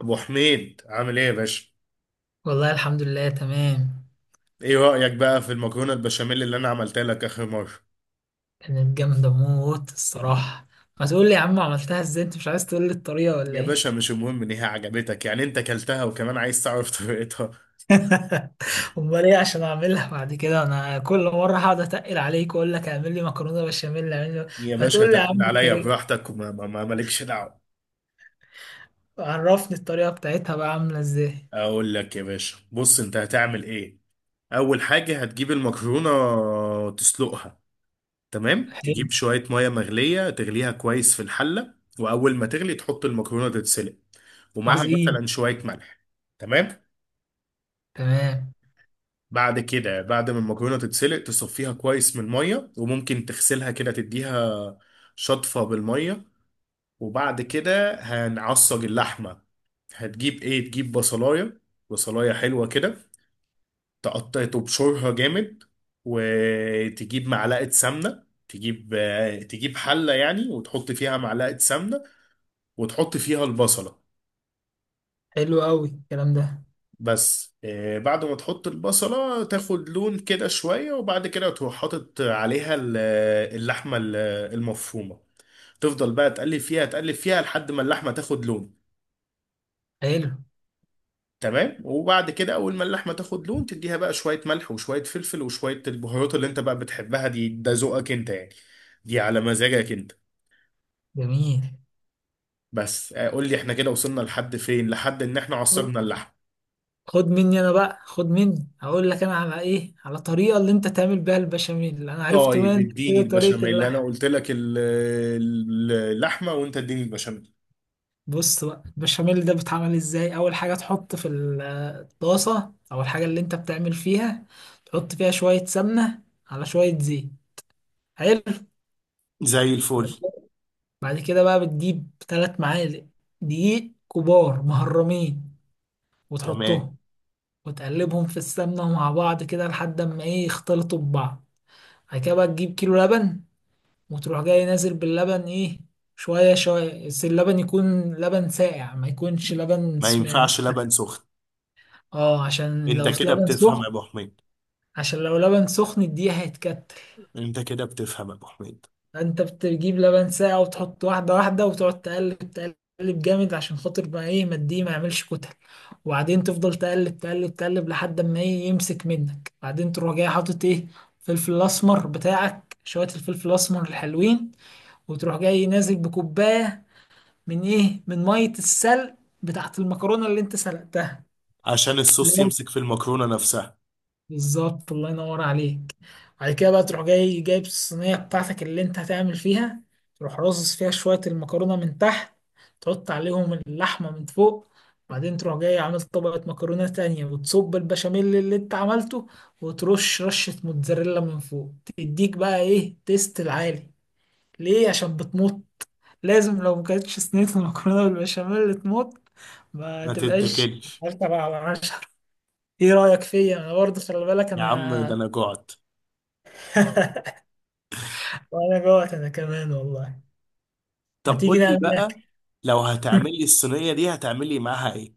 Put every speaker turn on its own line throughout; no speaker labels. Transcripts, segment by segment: ابو حميد، عامل ايه يا باشا؟
والله الحمد لله تمام.
ايه رأيك بقى في المكرونة البشاميل اللي انا عملتها لك اخر مرة؟
كانت جامدة موت الصراحة. ما تقول لي يا عم، عملتها ازاي؟ انت مش عايز تقول لي الطريقة ولا
يا
ايه؟
باشا، مش المهم ان هي عجبتك، يعني انت كلتها وكمان عايز تعرف طريقتها؟
امال ايه عشان اعملها بعد كده؟ انا كل مرة هقعد اتقل عليك واقول لك اعمل لي مكرونة بشاميل اعمل لي.
يا
ما
باشا،
تقول لي يا
تقل
عم
عليا
الطريقة.
براحتك، وما مالكش دعوة.
عرفني الطريقة بتاعتها بقى عاملة ازاي.
اقول لك يا باشا، بص انت هتعمل ايه. اول حاجة، هتجيب المكرونة تسلقها. تمام،
حلو.
تجيب شوية مية مغلية تغليها كويس في الحلة. واول ما تغلي تحط المكرونة تتسلق، ومعها
عظيم.
مثلا شوية ملح. تمام.
تمام.
بعد كده، بعد ما المكرونه تتسلق تصفيها كويس من الميه، وممكن تغسلها كده، تديها شطفه بالميه. وبعد كده هنعصج اللحمه. هتجيب ايه؟ تجيب بصلايه، بصلايه حلوه كده. تقطع تبشرها جامد. وتجيب معلقه سمنه، تجيب تجيب حله يعني، وتحط فيها معلقه سمنه، وتحط فيها البصله.
حلو قوي الكلام ده.
بس بعد ما تحط البصلة تاخد لون كده شوية، وبعد كده تروح حاطط عليها اللحمة المفرومة. تفضل بقى تقلب فيها تقلب فيها لحد ما اللحمة تاخد لون.
حلو.
تمام. وبعد كده أول ما اللحمة تاخد لون، تديها بقى شوية ملح وشوية فلفل وشوية البهارات اللي أنت بقى بتحبها دي، ده ذوقك أنت يعني. دي على مزاجك أنت.
جميل.
بس قول لي إحنا كده وصلنا لحد فين؟ لحد إن إحنا
خد،
عصرنا اللحمة.
خد مني انا بقى، خد مني. هقول لك انا على ايه، على طريقه اللي انت تعمل بيها البشاميل. انا عرفت
طيب
منك
اديني
كده طريقه
البشاميل، انا
اللحم.
قلت لك اللحمه، وانت اديني البشاميل.
بص بقى، البشاميل ده بيتعمل ازاي. اول حاجه تحط في الطاسه او الحاجه اللي انت بتعمل فيها، تحط فيها شويه سمنه على شويه زيت. حلو.
زي
بعد
الفل.
كده بعد كده بقى بتجيب ثلاث معالق دقيق كبار مهرمين
تمام.
وتحطهم، وتقلبهم في السمنه مع بعض كده لحد ما ايه، يختلطوا ببعض. بعد كده بقى تجيب كيلو لبن، وتروح جاي نازل باللبن ايه، شوية شوية. بس اللبن يكون لبن ساقع، ما يكونش لبن
ما ينفعش لبن سخن.
اه، عشان
انت
لو
كده
لبن
بتفهم يا
سخن.
ابو حميد.
عشان لو لبن سخن الدقيق هيتكتل.
انت كده بتفهم يا ابو حميد.
فانت بتجيب لبن ساقع وتحط واحدة واحدة، وتقعد تقلب تقلب جامد عشان خاطر ما ايه، ما الدقيق ما يعملش كتل. وبعدين تفضل تقلب تقلب تقلب لحد ما ايه، يمسك منك. بعدين تروح جاي حاطط ايه، الفلفل الاسمر بتاعك، شوية الفلفل الاسمر الحلوين. وتروح جاي نازل بكوباية من ايه، من ميه السلق بتاعت المكرونه اللي انت سلقتها.
عشان الصوص
لازم.
يمسك في المكرونة نفسها.
بالظبط، الله ينور عليك. بعد كده بقى تروح جاي جايب الصينيه بتاعتك اللي انت هتعمل فيها، تروح رصص فيها شويه المكرونه من تحت، تحط عليهم اللحمه من فوق، بعدين تروح جاي عامل طبقة مكرونة تانية وتصب البشاميل اللي انت عملته، وترش رشة موتزاريلا من فوق. تديك بقى ايه، تيست العالي. ليه؟ عشان بتمط. لازم، لو ما كانتش صينية المكرونة بالبشاميل اللي تموت ما
ما
تبقاش.
تتاكلش.
عشرة على عشرة. ايه رأيك فيا انا برضه؟ خلي بالك
يا عم، ده
انا.
انا جعت.
وانا جوعت انا كمان والله. ما
طب
تيجي
قول لي
نعمل
بقى،
اكل؟
لو هتعملي الصينية دي هتعملي معاها ايه؟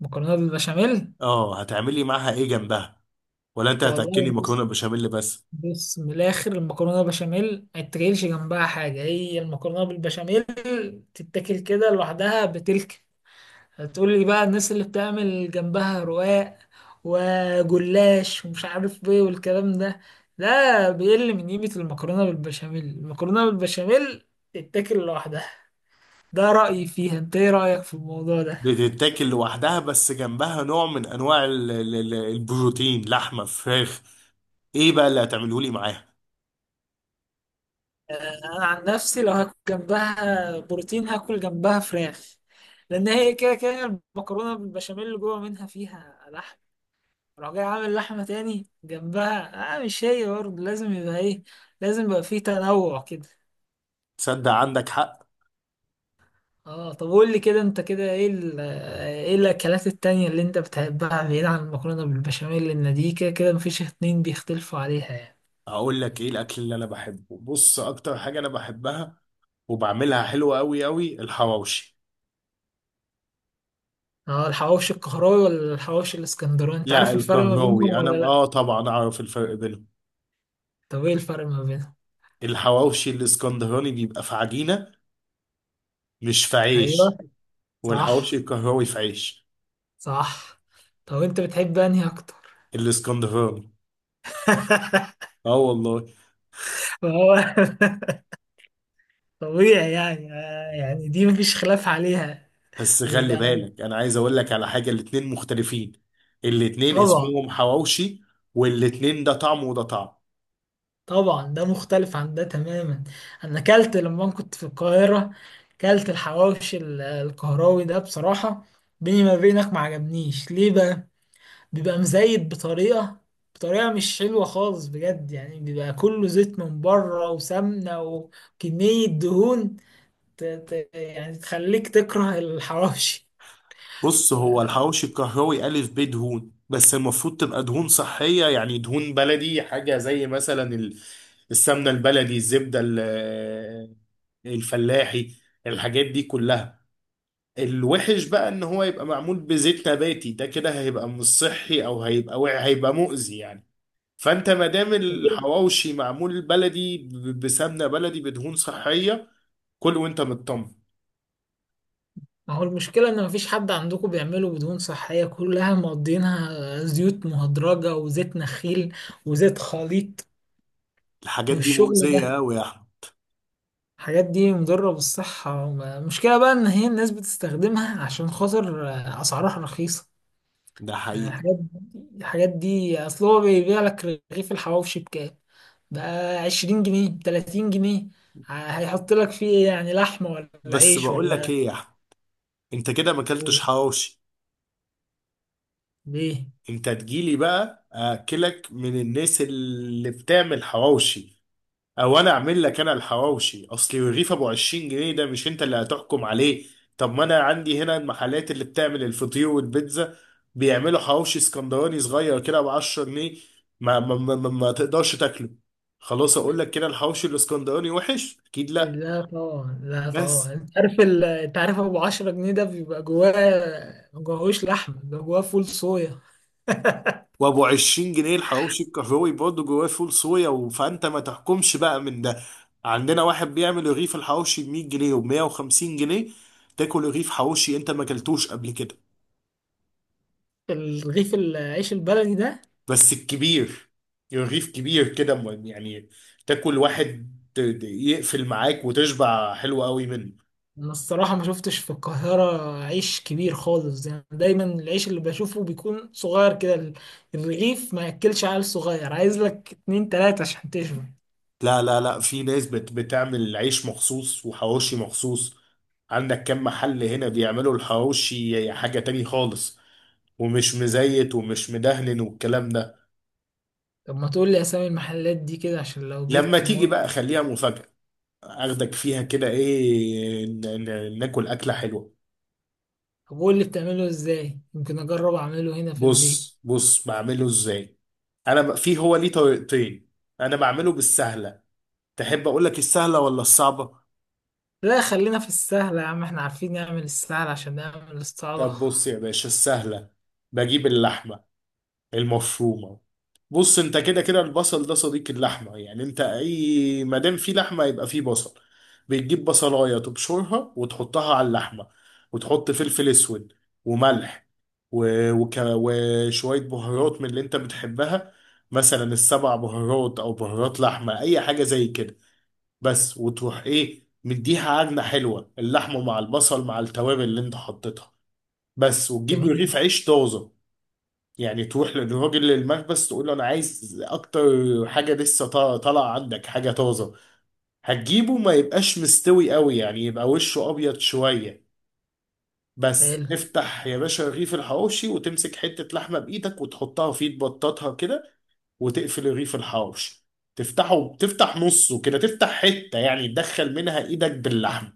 مكرونة بالبشاميل.
اه، هتعملي معاها ايه جنبها؟ ولا انت هتاكلي
والله
مكرونة
بص،
بشاميل بس؟
بص من الاخر، المكرونة بالبشاميل ما تتاكلش جنبها حاجة، هي المكرونة بالبشاميل تتاكل كده لوحدها بتلك. هتقول لي بقى الناس اللي بتعمل جنبها رقاق وجلاش ومش عارف ايه والكلام ده، ده بيقل من قيمة المكرونة بالبشاميل. المكرونة بالبشاميل تتاكل لوحدها. ده رأيي فيها، انت ايه رأيك في الموضوع ده؟
بتتاكل لوحدها، بس جنبها نوع من انواع البروتين، لحمة، فراخ. ايه بقى اللي هتعمله لي معاها؟
انا عن نفسي لو هاكل جنبها بروتين هاكل جنبها فراخ، لان هي كده كده المكرونة بالبشاميل اللي جوه منها فيها لحم. راح جاي عامل لحمة تاني جنبها؟ اه مش هي برضه. لازم يبقى ايه، لازم يبقى فيه تنوع كده.
تصدق عندك حق.
اه، طب قول لي كده انت كده ايه ايه الاكلات التانية اللي انت بتحبها بعيد عن المكرونة بالبشاميل؟ لان دي كده كده مفيش اتنين بيختلفوا عليها يعني.
هقول لك ايه الاكل اللي انا بحبه، بص اكتر حاجه انا بحبها وبعملها حلوة قوي قوي، الحواوشي.
اه، الحواوشي القهراوي ولا الحواوشي الاسكندراني؟ انت
لا،
عارف الفرق ما بينهم
القهراوي انا
ولا لا؟
طبعا اعرف الفرق بينهم.
طب ايه الفرق ما بينهم؟
الحواوشي الاسكندراني بيبقى في عجينه، مش في عيش.
ايوه.
والحواوشي
صح.
القهراوي في عيش.
صح. طب انت بتحب انهي اكتر؟
الاسكندراني. اه والله.
ما هو طبيعي يعني. يعني دي مفيش خلاف عليها.
بس خلي
يبقى.
بالك، انا عايز اقول لك على حاجه، الاتنين مختلفين. الاتنين
طبعا.
اسمهم حواوشي، والاتنين ده طعم وده طعم.
طبعا ده مختلف عن ده تماما. انا اكلت لما كنت في القاهره، اكلت الحواوشي القهراوي ده. بصراحه، بيني ما بينك، ما عجبنيش. ليه بقى؟ بيبقى مزيت بطريقه، بطريقه مش حلوه خالص بجد يعني. بيبقى كله زيت من بره وسمنه وكميه دهون. يعني تخليك تكره الحواوشي.
بص، هو الحواوشي الكهراوي ألف ب دهون، بس المفروض تبقى دهون صحية، يعني دهون بلدي، حاجة زي مثلا السمنة البلدي، الزبدة الفلاحي، الحاجات دي كلها. الوحش بقى ان هو يبقى معمول بزيت نباتي، ده كده هيبقى مش صحي، او هيبقى هيبقى مؤذي يعني. فانت ما دام الحواوشي معمول بلدي، بسمنة بلدي، بدهون صحية، كل وانت مطمن.
ما هو المشكلة إن مفيش حد عندكم بيعملوا بدهون صحية، كلها مقضينها زيوت مهدرجة وزيت نخيل وزيت خليط
الحاجات دي
والشغل
مؤذية
ده.
قوي يا احمد.
الحاجات دي مضرة بالصحة. المشكلة بقى إن هي الناس بتستخدمها عشان خاطر أسعارها رخيصة.
ده
يعني
حقيقي.
الحاجات دي، الحاجات دي أصل هو بيبيع لك رغيف الحواوشي بكام؟ بقى عشرين جنيه بتلاتين جنيه. هيحط لك فيه إيه يعني؟ لحمة ولا
بس
عيش
بقول لك
ولا
ايه يا احمد، انت كده ما اكلتش
لحوم؟
حواوشي.
ليه؟
انت تجيلي بقى اكلك من الناس اللي بتعمل حواوشي، او انا اعمل لك انا الحواوشي اصلي. الرغيف ابو 20 جنيه ده مش انت اللي هتحكم عليه. طب ما انا عندي هنا المحلات اللي بتعمل الفطير والبيتزا بيعملوا حواوشي اسكندراني صغير كده ب 10 جنيه، ما تقدرش تاكله. خلاص اقول لك كده الحواوشي الاسكندراني وحش؟ اكيد لا.
لا طبعا، لا طبعا.
بس.
انت عارف انت عارف ابو عشرة جنيه ده بيبقى جواه، ما جواهوش لحمة، بيبقى جواه فول صويا.
وابو 20 جنيه الحواوشي الكهروي برضه جواه فول صويا، فانت ما تحكمش بقى من ده. عندنا واحد بيعمل رغيف الحواوشي ب 100 جنيه و 150 جنيه، تاكل رغيف حواوشي انت ما اكلتوش قبل كده.
الرغيف العيش البلدي ده،
بس الكبير، رغيف كبير كده، يعني تاكل واحد يقفل معاك وتشبع حلو قوي منه.
انا الصراحة ما شفتش في القاهرة عيش كبير خالص. يعني دايما العيش اللي بشوفه بيكون صغير كده، الرغيف ما ياكلش عيل صغير، عايز لك اتنين تلاتة عشان تشبع.
لا لا لا، في ناس بتعمل عيش مخصوص وحواوشي مخصوص. عندك كم محل هنا بيعملوا الحواوشي حاجة تاني خالص، ومش مزيت ومش مدهن والكلام ده.
طب ما تقول لي اسامي المحلات دي كده عشان لو جيت
لما
في
تيجي
مرة.
بقى خليها مفاجأة، اخدك فيها كده، ايه، ناكل أكلة حلوة.
طب قول لي بتعمله ازاي، يمكن اجرب اعمله هنا في البيت.
بص بص بعمله ازاي. انا في هو ليه طريقتين. انا بعمله بالسهلة. تحب اقول لك السهلة ولا الصعبة؟
لا، خلينا في السهل يا عم، احنا عارفين نعمل السهل عشان نعمل الصعبة.
طب بص يا باشا السهلة. بجيب اللحمة المفرومة. بص، انت كده كده البصل ده صديق اللحمه، يعني انت اي ما دام في لحمه يبقى في بصل. بتجيب بصلايه تبشرها وتحطها على اللحمه، وتحط فلفل اسود وملح، وشويه بهارات من اللي انت بتحبها، مثلا السبع بهارات او بهارات لحمه اي حاجه زي كده. بس، وتروح ايه مديها عجنه حلوه، اللحمه مع البصل مع التوابل اللي انت حطيتها. بس. وتجيب
جميل.
رغيف عيش طازه، يعني تروح للراجل للمخبز تقول له انا عايز اكتر حاجه لسه طالعه عندك، حاجه طازه. هتجيبه ما يبقاش مستوي قوي، يعني يبقى وشه ابيض شويه. بس
حلو.
تفتح يا باشا رغيف الحواوشي وتمسك حته لحمه بايدك وتحطها فيه، تبططها كده، وتقفل رغيف الحواوشي. تفتحه، تفتح نصه كده، تفتح حته يعني تدخل منها ايدك باللحمه.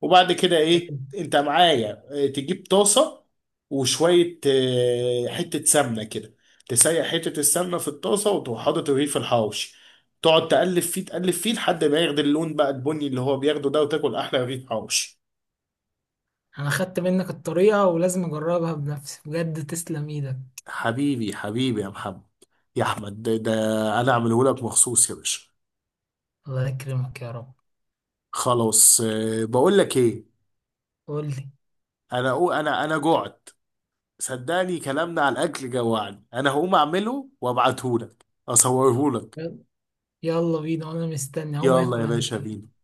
وبعد كده، ايه،
حلو.
انت معايا، تجيب طاسه، وشويه حته سمنه كده. تسيح حته السمنه في الطاسه، وتروح حاطط الرغيف الحواوشي، تقعد تقلب فيه تقلب فيه لحد ما ياخد اللون بقى، البني اللي هو بياخده ده، وتاكل احلى رغيف حواوشي.
انا خدت منك الطريقة ولازم اجربها بنفسي، بجد تسلم ايدك.
حبيبي حبيبي يا محمد، يا احمد، ده انا اعمله لك مخصوص يا باشا.
الله يكرمك يا رب.
خلاص، بقول لك ايه.
قول لي.
انا أقو- انا انا جوعت. صدقني، كلامنا على الاكل جوعني، انا هقوم اعمله وابعته لك، اصوره لك.
يلا بينا، وانا مستني هقوم
يلا
اكل
يا
انا
باشا
كمان.
بينا.